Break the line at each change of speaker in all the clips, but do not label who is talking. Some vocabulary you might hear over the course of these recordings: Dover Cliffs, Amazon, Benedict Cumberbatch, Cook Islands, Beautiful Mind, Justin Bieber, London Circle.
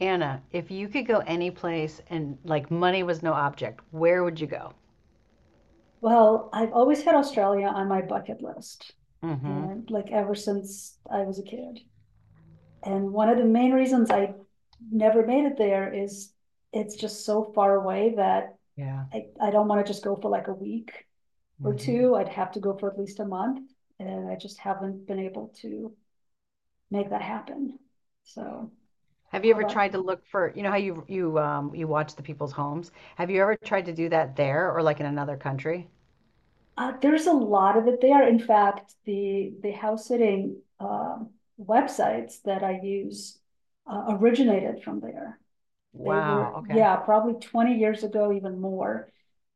Anna, if you could go any place and money was no object, where would you go?
Well, I've always had Australia on my bucket list,
Mm-hmm.
and like ever since I was a kid. And one of the main reasons I never made it there is it's just so far away that
Yeah.
I don't want to just go for like a week or
Mm-hmm.
two. I'd have to go for at least a month, and I just haven't been able to make that happen. So,
Have you
how
ever
about—
tried to look for, you know how you you watch the people's homes? Have you ever tried to do that there or like in another country?
There's a lot of it there. In fact, the house sitting websites that I use originated from there. They
Wow,
were,
okay.
yeah, probably 20 years ago, even more.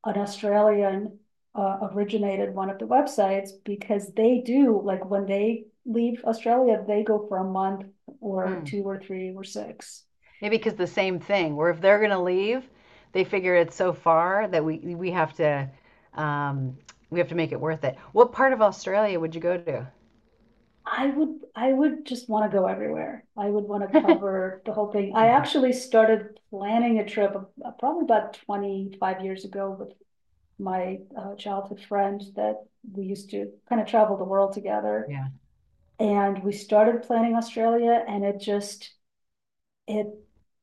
An Australian originated one of the websites because they do, like when they leave Australia, they go for a month or
Hmm.
two or three or six.
Maybe because the same thing, where if they're gonna leave, they figure it's so far that we have to um we have to make it worth it. What part of Australia would you go to?
I would just wanna go everywhere. I would wanna cover the whole thing. I
Yeah.
actually started planning a trip probably about 25 years ago with my childhood friend that we used to kind of travel the world together.
Yeah.
And we started planning Australia, and it just, it,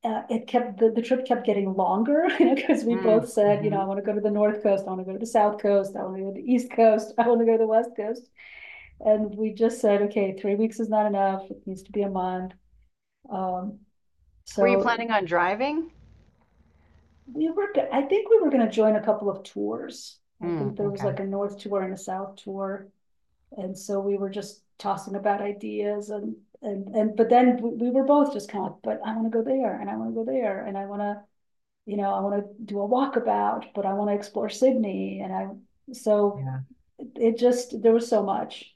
it kept, the trip kept getting longer, you know, because we both said,
Mm-hmm.
I wanna go to the North Coast, I wanna go to the South Coast, I wanna go to the East Coast, I wanna go to the West Coast. And we just said, okay, 3 weeks is not enough, it needs to be a month. Um,
Were you
so
planning on driving?
I think we were gonna join a couple of tours. I
Mm,
think there was
okay.
like a north tour and a south tour. And so we were just tossing about ideas, but then we were both just kind of, but I wanna go there and I wanna go there and I wanna do a walkabout, but I wanna explore Sydney and I, so
Yeah.
it just, there was so much.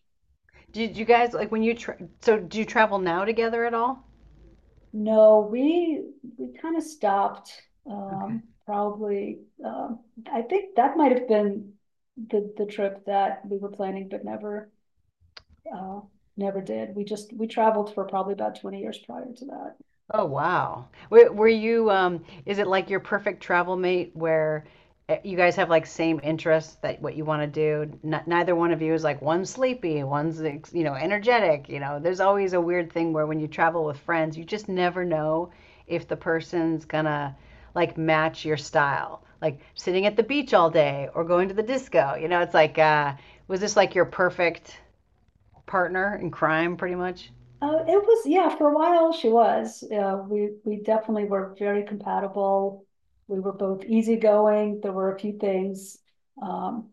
Did you guys like when you tra so do you travel now together at all?
No, we kind of stopped.
Okay.
Probably. I think that might have been the trip that we were planning, but uh never did. We traveled for probably about 20 years prior to that.
Oh wow. Were you is it like your perfect travel mate where you guys have like same interests that what you want to do? N Neither one of you is like one's sleepy, you know, energetic, you know. There's always a weird thing where when you travel with friends, you just never know if the person's gonna like match your style. Like sitting at the beach all day or going to the disco. You know, it's like was this like your perfect partner in crime, pretty much.
It was, yeah. For a while, she was. We definitely were very compatible. We were both easygoing. There were a few things. Um,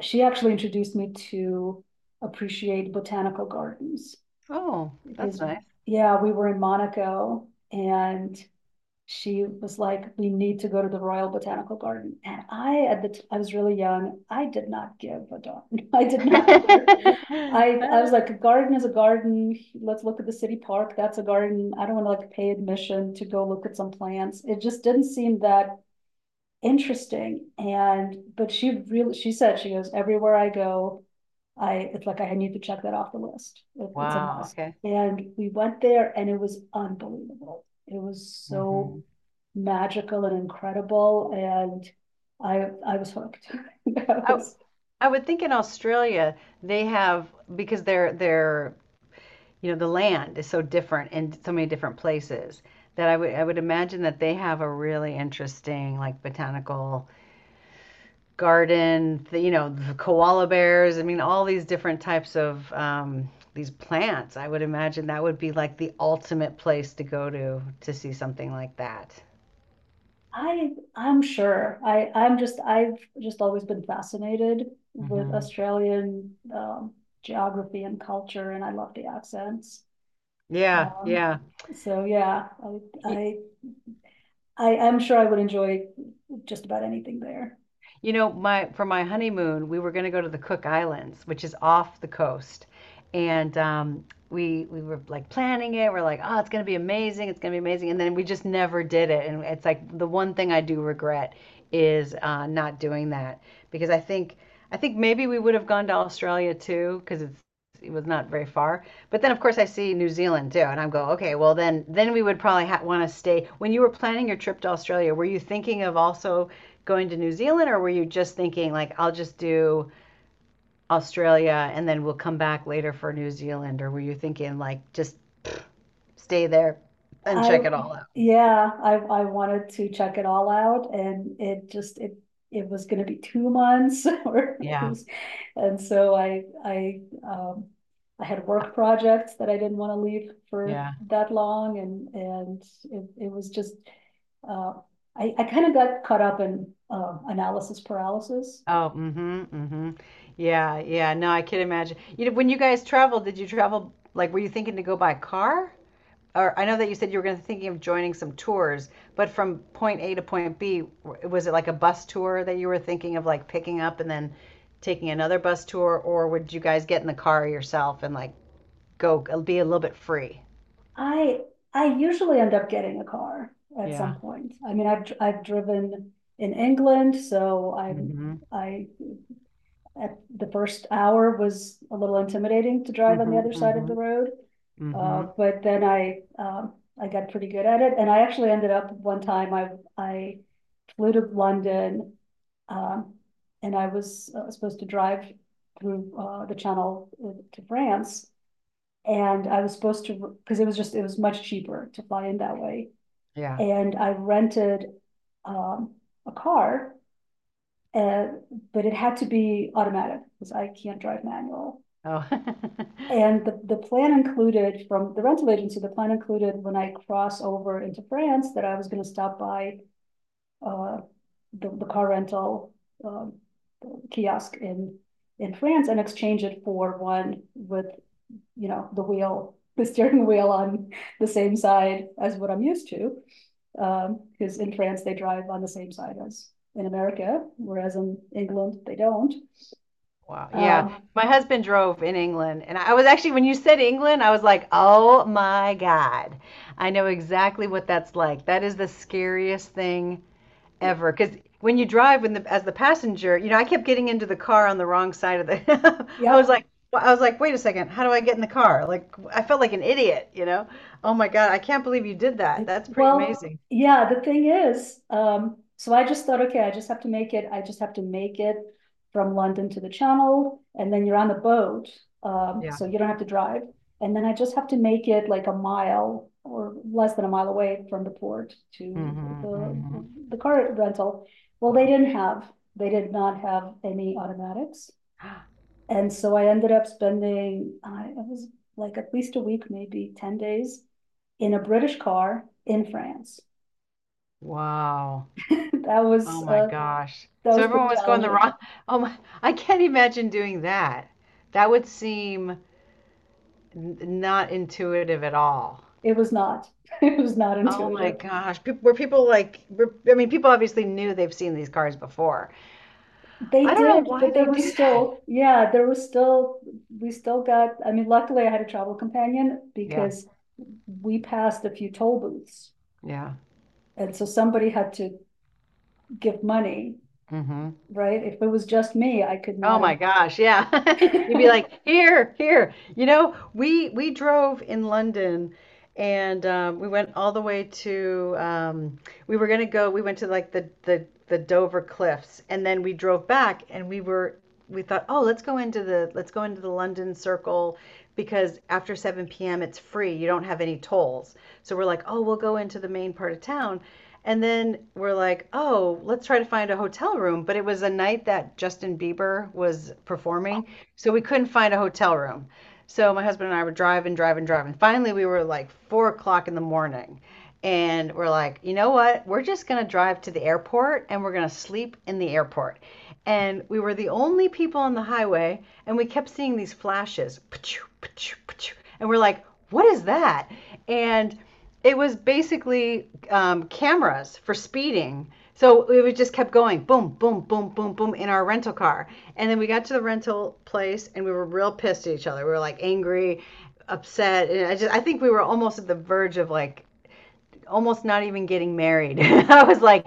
she actually introduced me to appreciate botanical gardens
Oh, that's
because,
nice.
yeah, we were in Monaco and she was like, we need to go to the Royal Botanical Garden. And I, at the t- I was really young. I did not give a darn. I did not care. I was like, a garden is a garden. Let's look at the city park. That's a garden. I don't want to like pay admission to go look at some plants. It just didn't seem that interesting. And but she really, she said she goes everywhere I go. I It's like, I need to check that off the list. It's a
Wow,
must.
okay.
And we went there and it was unbelievable, it was so
Mhm.
magical and incredible. And I was hooked. I
I
was.
I would think in Australia they have because they're you know the land is so different in so many different places that I would imagine that they have a really interesting like botanical garden, the, you know, the koala bears. I mean, all these different types of these plants. I would imagine that would be like the ultimate place to go to see something like that.
I I'm sure, I've just always been fascinated with
Hmm.
Australian geography and culture, and I love the accents.
Yeah,
Um,
yeah.
so yeah, I,
Y-
I, I, I'm sure I would enjoy just about anything there.
You know, my for my honeymoon, we were going to go to the Cook Islands, which is off the coast. And we were like planning it. We're like, "Oh, it's going to be amazing. It's going to be amazing." And then we just never did it. And it's like the one thing I do regret is not doing that because I think maybe we would have gone to Australia too because it's it was not very far. But then of course I see New Zealand too, and I'm go okay, well then we would probably want to stay. When you were planning your trip to Australia, were you thinking of also going to New Zealand, or were you just thinking like I'll just do Australia and then we'll come back later for New Zealand, or were you thinking like just stay there and
I,
check it all out?
yeah, I wanted to check it all out, and it just, it was gonna be 2 months, or
Yeah,
and so um, I had work projects that I didn't want to leave for
yeah.
that long. And it was just, uh, I kind of got caught up in, analysis paralysis.
Oh, mm-hmm, mm-hmm. Yeah, yeah. No, I can imagine. You know, when you guys traveled, did you travel like were you thinking to go by car? Or I know that you said you were going to thinking of joining some tours, but from point A to point B, was it like a bus tour that you were thinking of like picking up and then taking another bus tour, or would you guys get in the car yourself and like go be a little bit free?
I I usually end up getting a car at
Yeah.
some point. I mean, I've driven in England, so I'm
Mm-hmm.
I at the first hour was a little intimidating to drive on the
Mm-hmm.
other side of
Mm-hmm.
the road,
Mm-hmm.
but then I got pretty good at it, and I actually ended up one time I flew to London, um, and I was supposed to drive through the Channel to France, and I was supposed to, because it was much cheaper to fly in that way.
Yeah.
And I rented um, a car, uh, but it had to be automatic because I can't drive manual.
Oh.
And the plan included from the rental agency, the plan included when I cross over into France, that I was going to stop by uh, the car rental um, kiosk in France and exchange it for one with, the wheel, the steering wheel on the same side as what I'm used to. Because in France, they drive on the same side as in America, whereas in England, they don't.
Wow. Yeah.
Um,
My husband drove in England, and I was actually, when you said England, I was like, oh my God. I know exactly what that's like. That is the scariest thing
it-
ever because when you drive when the as the passenger, you know, I kept getting into the car on the wrong side of the I was
yep.
like, I was like wait a second, how do I get in the car, like I felt like an idiot, you know. Oh my God, I can't believe you did that. That's pretty
Well,
amazing.
yeah, the thing is, so I just thought, okay, I just have to make it, I just have to make it from London to the channel, and then you're on the boat,
Yeah.
so you don't have to drive. And then I just have to make it like a mile or less than a mile away from the port to
Mm-hmm,
the
hmm.
the car rental. Well,
Wow.
they did not have any automatics. And so I ended up spending, I was like at least a week, maybe 10 days in a British car in France.
Wow.
that
Oh
was
my
uh,
gosh,
that
so
was pretty
everyone was going the
challenging.
wrong oh my. I can't imagine doing that. That would seem not intuitive at all.
It was not. It was not
Oh my
intuitive.
gosh. Peop Were people like, I mean, people obviously knew they've seen these cars before.
They
I don't know
did,
why
but there
they
were
do that.
still, yeah, there was still, we still got— I mean, luckily I had a travel companion
Yeah,
because we passed a few toll booths.
yeah.
And so somebody had to give money,
Hmm.
right? If it was just me, I could
Oh
not
my gosh, yeah. You'd be
have.
like, here, here. You know, we drove in London and we went all the way to we were gonna go, we went to like the Dover Cliffs and then we drove back and we were we thought, oh, let's go into the let's go into the London Circle because after 7 p.m. it's free. You don't have any tolls. So we're like, oh, we'll go into the main part of town. And then we're like, oh, let's try to find a hotel room. But it was a night that Justin Bieber was performing. So we couldn't find a hotel room. So my husband and I were driving, driving, driving. Finally, we were like 4 o'clock in the morning and we're like, you know what? We're just going to drive to the airport and we're going to sleep in the airport. And we were the only people on the highway, and we kept seeing these flashes. And we're like, what is that? And it was basically cameras for speeding. So we just kept going, boom, boom, boom, boom, boom, in our rental car. And then we got to the rental place, and we were real pissed at each other. We were like angry, upset. And I think we were almost at the verge of like almost not even getting married. I was like,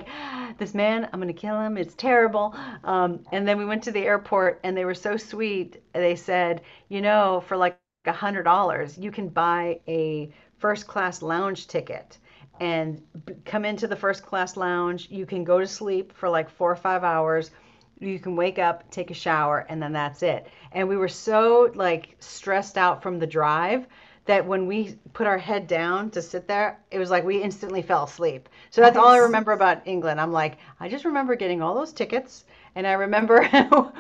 this man, I'm going to kill him. It's terrible. And then we went to the airport and they were so sweet. They said, you know, for like a $100, you can buy a first class lounge ticket and come into the first class lounge. You can go to sleep for like four or five hours, you can wake up, take a shower, and then that's it. And we were so like stressed out from the drive that when we put our head down to sit there, it was like we instantly fell asleep. So that's all I
Nice.
remember about England. I'm like, I just remember getting all those tickets. And I remember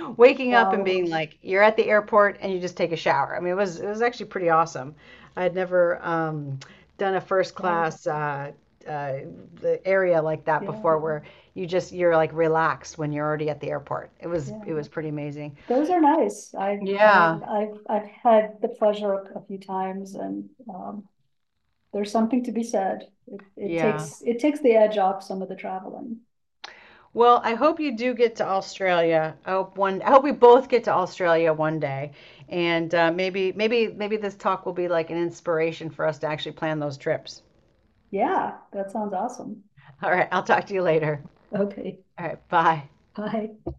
waking up and
Wow.
being like, you're at the airport and you just take a shower. I mean, it was actually pretty awesome. I had never done a first
Yeah,
class uh, area like that
yeah,
before, where you just you're like relaxed when you're already at the airport.
yeah.
It was pretty amazing.
Those are nice. I've, I've,
Yeah.
I've, I've had the pleasure a few times, and, there's something to be said. It, it
Yeah.
takes, it takes the edge off some of the traveling.
Well, I hope you do get to Australia. I hope one. I hope we both get to Australia one day, and maybe this talk will be like an inspiration for us to actually plan those trips.
Yeah, that sounds awesome.
All right, I'll talk to you later.
Okay.
All right, bye.
Bye.